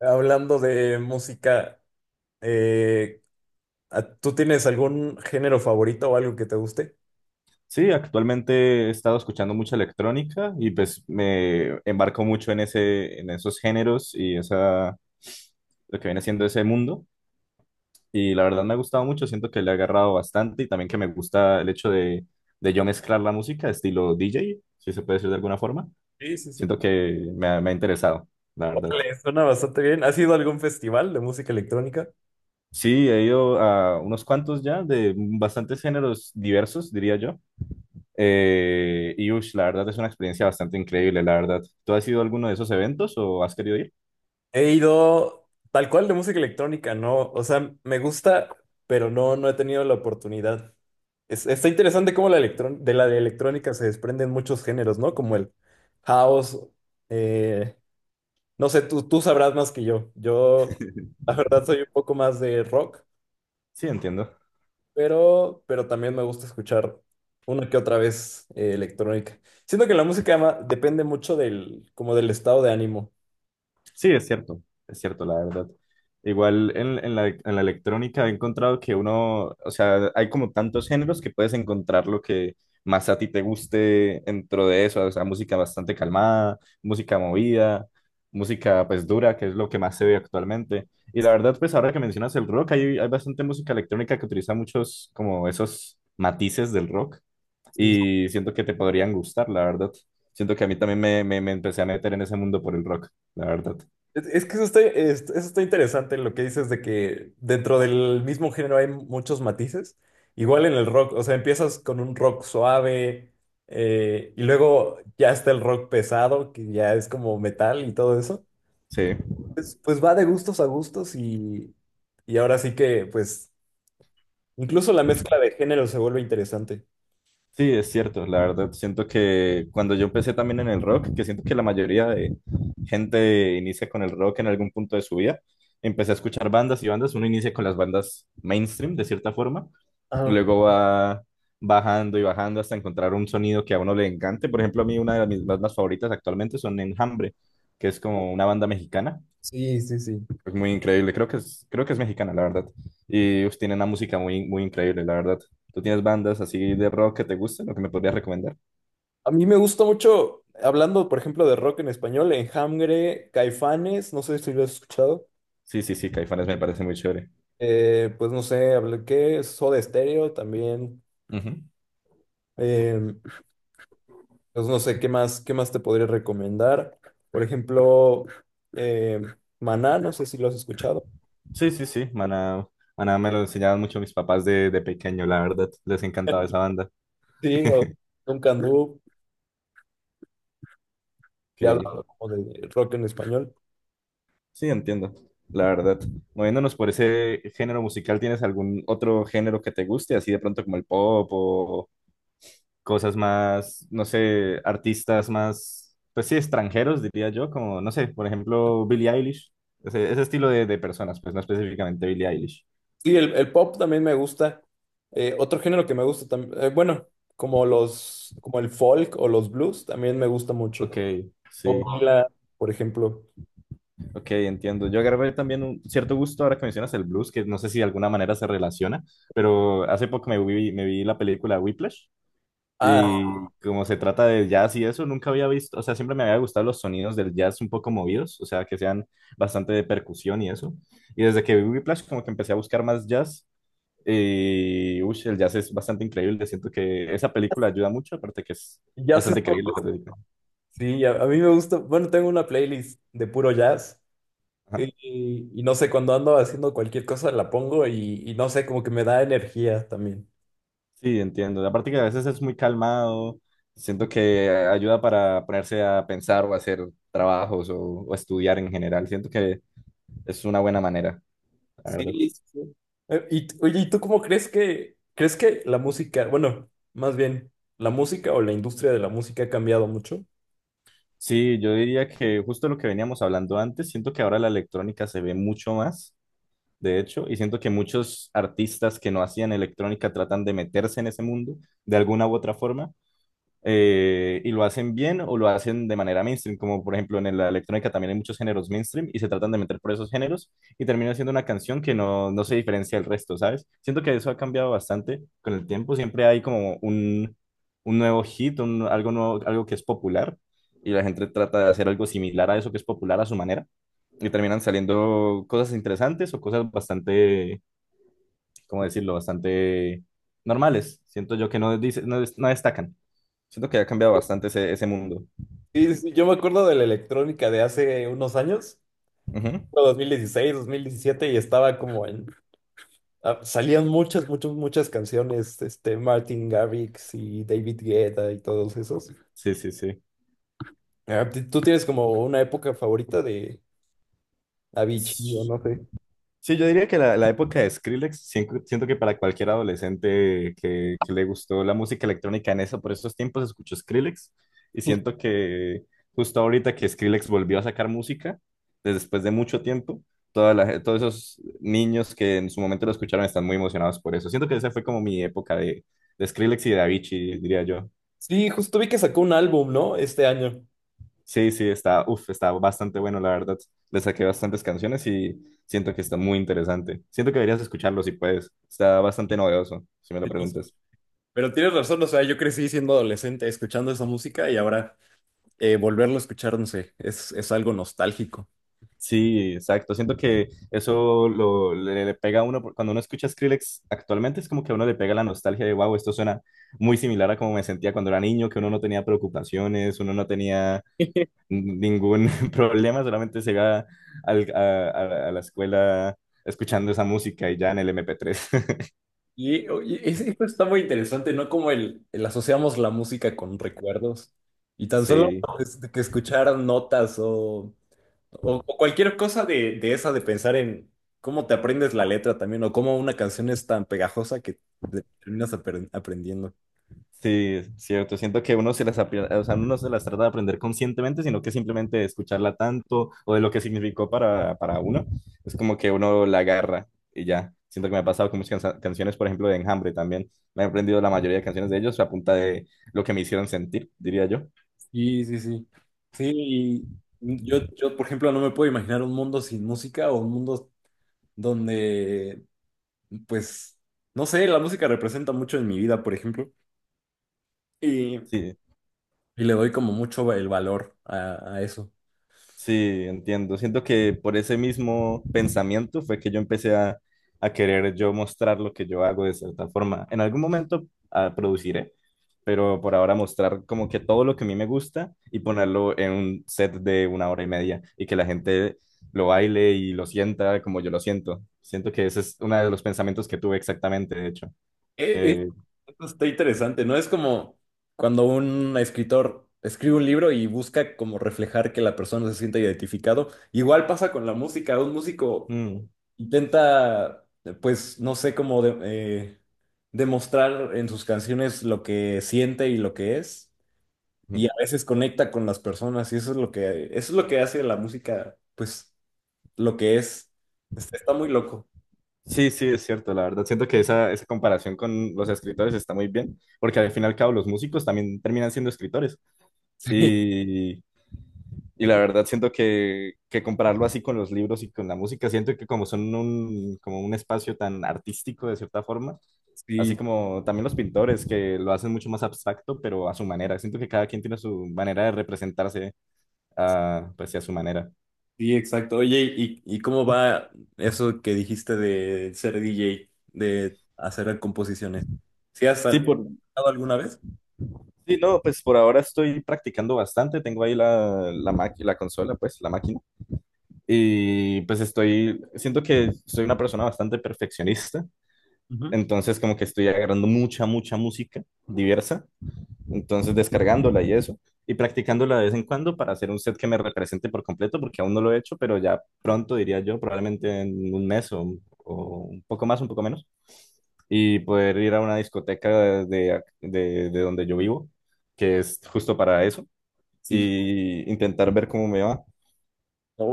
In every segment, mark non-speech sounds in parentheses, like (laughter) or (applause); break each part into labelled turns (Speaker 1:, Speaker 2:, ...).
Speaker 1: Hablando de música, eh, ¿Tú tienes algún género favorito o algo que te guste?
Speaker 2: Sí, actualmente he estado escuchando mucha electrónica y pues me embarco mucho en esos géneros y lo que viene siendo ese mundo. Y la verdad me ha gustado mucho, siento que le he agarrado bastante y también que me gusta el hecho de yo mezclar la música estilo DJ, si se puede decir de alguna forma.
Speaker 1: Sí, sí, sí.
Speaker 2: Siento que me ha interesado, la verdad.
Speaker 1: Órale, suena bastante bien. ¿Has ido a algún festival de música electrónica?
Speaker 2: Sí, he ido a unos cuantos ya de bastantes géneros diversos, diría yo. Y ush, la verdad es una experiencia bastante increíble, la verdad. ¿Tú has ido a alguno de esos eventos o has querido ir?
Speaker 1: He ido tal cual de música electrónica, no. O sea, me gusta, pero no, no he tenido la oportunidad. Está interesante cómo de electrónica se desprenden muchos géneros, ¿no? Como el house. eh, no sé, tú sabrás más que yo. Yo, la verdad, soy un poco más de rock.
Speaker 2: Sí, entiendo.
Speaker 1: Pero también me gusta escuchar una que otra vez electrónica. Siento que la música depende mucho del, como del estado de ánimo.
Speaker 2: Sí, es cierto, la verdad. Igual en la electrónica he encontrado que uno, o sea, hay como tantos géneros que puedes encontrar lo que más a ti te guste dentro de eso, o sea, música bastante calmada, música movida, música pues dura, que es lo que más se ve actualmente. Y la verdad, pues ahora que mencionas el rock, hay bastante música electrónica que utiliza muchos como esos matices del rock
Speaker 1: Sí.
Speaker 2: y siento que te podrían gustar, la verdad. Siento que a mí también me empecé a meter en ese mundo por el rock, la verdad.
Speaker 1: Es que eso está, eso está interesante lo que dices de que dentro del mismo género hay muchos matices. Igual en el rock, o sea, empiezas con un rock suave y luego ya está el rock pesado, que ya es como metal y todo eso.
Speaker 2: Sí,
Speaker 1: Pues, pues va de gustos a gustos y ahora sí que pues incluso la mezcla de género se vuelve interesante.
Speaker 2: sí, es cierto, la verdad. Siento que cuando yo empecé también en el rock, que siento que la mayoría de gente inicia con el rock en algún punto de su vida, empecé a escuchar bandas y bandas. Uno inicia con las bandas mainstream, de cierta forma,
Speaker 1: Ajá.
Speaker 2: luego va bajando y bajando hasta encontrar un sonido que a uno le encante. Por ejemplo, a mí una de mis bandas favoritas actualmente son Enjambre, que es como una banda mexicana.
Speaker 1: Sí, sí, sí.
Speaker 2: Es muy increíble, creo que es mexicana, la verdad. Y uf, tiene una música muy increíble, la verdad. ¿Tú tienes bandas así de rock que te gusten o que me podrías recomendar?
Speaker 1: A mí me gusta mucho, hablando por ejemplo de rock en español, Enjambre, Caifanes, no sé si lo has escuchado,
Speaker 2: Sí, sí, sí, Caifanes me parece muy chévere.
Speaker 1: pues no sé, hablé que Soda Stereo también,
Speaker 2: Ujú.
Speaker 1: eh, pues no sé qué más te podría recomendar, por ejemplo, eh, Maná, no sé si lo has escuchado,
Speaker 2: Sí, sí, sí, Maná, Maná me lo enseñaban mucho mis papás de pequeño, la verdad. Les encantaba esa banda.
Speaker 1: sí, o
Speaker 2: (laughs)
Speaker 1: Duncan Du, ya
Speaker 2: Ok,
Speaker 1: hablando como de rock en español.
Speaker 2: sí, entiendo, la verdad. Moviéndonos por ese género musical, ¿tienes algún otro género que te guste, así de pronto como el pop o cosas más, no sé, artistas más, pues sí, extranjeros, diría yo, como, no sé, por ejemplo, Billie Eilish, ese estilo de personas, pues no específicamente Billie Eilish.
Speaker 1: Sí, el pop también me gusta. Otro género que me gusta también, bueno, como los, como el folk o los blues, también me gusta mucho.
Speaker 2: Ok,
Speaker 1: O
Speaker 2: sí,
Speaker 1: Bangla, por ejemplo.
Speaker 2: ok, entiendo. Yo agarré también un cierto gusto ahora que mencionas el blues, que no sé si de alguna manera se relaciona, pero hace poco me vi la película Whiplash.
Speaker 1: Ah,
Speaker 2: Y como se trata de jazz y eso, nunca había visto, o sea, siempre me había gustado los sonidos del jazz un poco movidos, o sea, que sean bastante de percusión y eso. Y desde que vi Whiplash, como que empecé a buscar más jazz. Y uy, el jazz es bastante increíble. Siento que esa película ayuda mucho, aparte que es
Speaker 1: jazz es-
Speaker 2: bastante increíble esa película.
Speaker 1: sí, a mí me gusta. Bueno, tengo una playlist de puro jazz.
Speaker 2: Ajá.
Speaker 1: Y no sé, cuando ando haciendo cualquier cosa la pongo y no sé, como que me da energía también.
Speaker 2: Sí, entiendo. Aparte que a veces es muy calmado. Siento que ayuda para ponerse a pensar o hacer trabajos o estudiar en general. Siento que es una buena manera, la
Speaker 1: Sí,
Speaker 2: verdad.
Speaker 1: sí. Sí. Y, oye, ¿y tú cómo crees que la música, bueno, más bien, la música o la industria de la música ha cambiado mucho?
Speaker 2: Sí, yo diría que justo lo que veníamos hablando antes, siento que ahora la electrónica se ve mucho más, de hecho, y siento que muchos artistas que no hacían electrónica tratan de meterse en ese mundo de alguna u otra forma, y lo hacen bien o lo hacen de manera mainstream, como por ejemplo en la electrónica también hay muchos géneros mainstream y se tratan de meter por esos géneros y termina siendo una canción que no se diferencia del resto, ¿sabes? Siento que eso ha cambiado bastante con el tiempo, siempre hay como un nuevo hit, algo nuevo, algo que es popular y la gente trata de hacer algo similar a eso que es popular a su manera y terminan saliendo cosas interesantes o cosas bastante, ¿cómo decirlo?, bastante normales. Siento yo que no destacan. Siento que ha cambiado bastante ese mundo.
Speaker 1: Sí, sí, yo me acuerdo de la electrónica de hace unos años,
Speaker 2: Ujú.
Speaker 1: no, 2016, 2017 y estaba como en... ah, salían muchas, muchas, muchas canciones, este, Martin Garrix y David Guetta y todos esos.
Speaker 2: Sí, sí,
Speaker 1: Ah, ¿tú tienes como una época favorita de Avicii o
Speaker 2: sí.
Speaker 1: no sé?
Speaker 2: Sí, yo diría que la época de Skrillex, siento que para cualquier adolescente que le gustó la música electrónica en eso, por esos tiempos escuchó Skrillex y
Speaker 1: (laughs)
Speaker 2: siento que justo ahorita que Skrillex volvió a sacar música, desde después de mucho tiempo, todos esos niños que en su momento lo escucharon están muy emocionados por eso. Siento que esa fue como mi época de Skrillex y de Avicii, diría yo.
Speaker 1: Sí, justo vi que sacó un álbum, ¿no? Este año.
Speaker 2: Sí, sí, está, uf, está bastante bueno, la verdad. Le saqué bastantes canciones y siento que está muy interesante. Siento que deberías escucharlo si puedes. Está bastante novedoso, si me lo preguntas.
Speaker 1: Sí, pero tienes razón, o sea, yo crecí siendo adolescente escuchando esa música y ahora volverlo a escuchar, no sé, es algo nostálgico.
Speaker 2: Sí, exacto. Siento que le pega a uno, cuando uno escucha Skrillex actualmente es como que a uno le pega la nostalgia de, wow, esto suena muy similar a como me sentía cuando era niño, que uno no tenía preocupaciones, uno no tenía
Speaker 1: (laughs)
Speaker 2: ningún (laughs) problema, solamente se iba al- a, a la escuela escuchando esa música y ya en el MP3.
Speaker 1: Y, y esto está muy interesante, ¿no? Como el asociamos la música con recuerdos. Y tan solo
Speaker 2: (laughs) Sí.
Speaker 1: pues, de que escuchar notas o, o cualquier cosa de esa, de pensar en cómo te aprendes la letra también, o cómo una canción es tan pegajosa que te terminas aprendiendo.
Speaker 2: Sí, es cierto. Siento que uno se las, apre- o sea, uno no se las trata de aprender conscientemente, sino que simplemente de escucharla tanto o de lo que significó para uno. Es como que uno la agarra y ya. Siento que me ha pasado con muchas canciones, por ejemplo, de Enjambre también. Me he aprendido la mayoría de canciones de ellos a punta de lo que me hicieron sentir, diría yo.
Speaker 1: Sí, sí, sí. Sí, y yo, por ejemplo, no me puedo imaginar un mundo sin música o un mundo donde pues, no sé, la música representa mucho en mi vida, por ejemplo, y
Speaker 2: Sí,
Speaker 1: le doy como mucho el valor a eso.
Speaker 2: sí, entiendo. Siento que por ese mismo pensamiento fue que yo empecé a querer yo mostrar lo que yo hago de cierta forma. En algún momento produciré, pero por ahora mostrar como que todo lo que a mí me gusta y ponerlo en un set de una hora y media y que la gente lo baile y lo sienta como yo lo siento. Siento que ese es uno de los pensamientos que tuve exactamente, de hecho.
Speaker 1: Eh, eh,
Speaker 2: Eh,
Speaker 1: Esto está interesante, ¿no? Es como cuando un escritor escribe un libro y busca como reflejar que la persona se sienta identificado. Igual pasa con la música, un músico
Speaker 2: mm.
Speaker 1: intenta, pues, no sé, demostrar en sus canciones lo que siente y lo que es.
Speaker 2: Mm.
Speaker 1: Y a veces conecta con las personas y eso es lo que, eso es lo que hace la música, pues lo que es. Está, está muy loco.
Speaker 2: Sí, sí, es cierto, la verdad. Siento que esa comparación con los escritores está muy bien, porque al fin y al cabo los músicos también terminan siendo escritores.
Speaker 1: (laughs)
Speaker 2: Y, y la verdad siento que compararlo así con los libros y con la música, siento que como son como un espacio tan artístico de cierta forma,
Speaker 1: Sí,
Speaker 2: así
Speaker 1: sí,
Speaker 2: como también los pintores que lo hacen mucho más abstracto, pero a su manera. Siento que cada quien tiene su manera de representarse, ah, pues, y a su manera.
Speaker 1: sí, exacto. Oye, y cómo va eso que dijiste de ser DJ, de hacer composiciones?
Speaker 2: Sí, por,
Speaker 1: Tocado alguna vez?
Speaker 2: Sí, no, pues por ahora estoy practicando bastante. Tengo ahí la consola, pues, la máquina. Y pues estoy, siento que soy una persona bastante perfeccionista.
Speaker 1: Ujú.
Speaker 2: Entonces, como que estoy agarrando mucha música diversa. Entonces, descargándola y eso. Y practicándola de vez en cuando para hacer un set que me represente por completo, porque aún no lo he hecho, pero ya pronto, diría yo, probablemente en un mes o un poco más, un poco menos. Y poder ir a una discoteca de donde yo vivo, que es justo para eso
Speaker 1: Sí.
Speaker 2: y intentar ver cómo me va.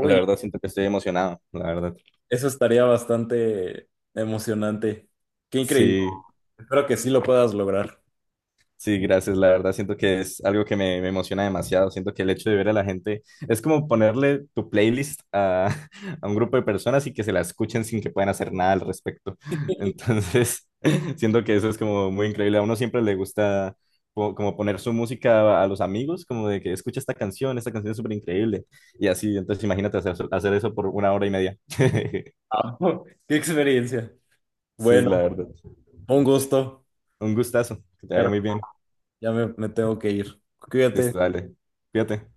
Speaker 2: La verdad, siento que estoy emocionado, la verdad.
Speaker 1: eso estaría bastante emocionante. Qué increíble.
Speaker 2: Sí,
Speaker 1: Espero que sí lo puedas lograr.
Speaker 2: sí, gracias. La verdad, siento que es algo que me emociona demasiado. Siento que el hecho de ver a la gente es como ponerle tu playlist a, (laughs) a un grupo de personas y que se la escuchen sin que puedan hacer nada al respecto. Entonces, (laughs) siento que eso es como muy increíble. A uno siempre le gusta como poner su música a los amigos, como de que escucha esta canción es súper increíble. Y así, entonces imagínate hacer eso por una hora y media. (laughs)
Speaker 1: Ah, (laughs) qué experiencia.
Speaker 2: Sí,
Speaker 1: Bueno,
Speaker 2: la verdad.
Speaker 1: un gusto.
Speaker 2: Un gustazo. Que te vaya muy bien.
Speaker 1: Ya me tengo que ir. Cuídate.
Speaker 2: Listo, dale. Cuídate.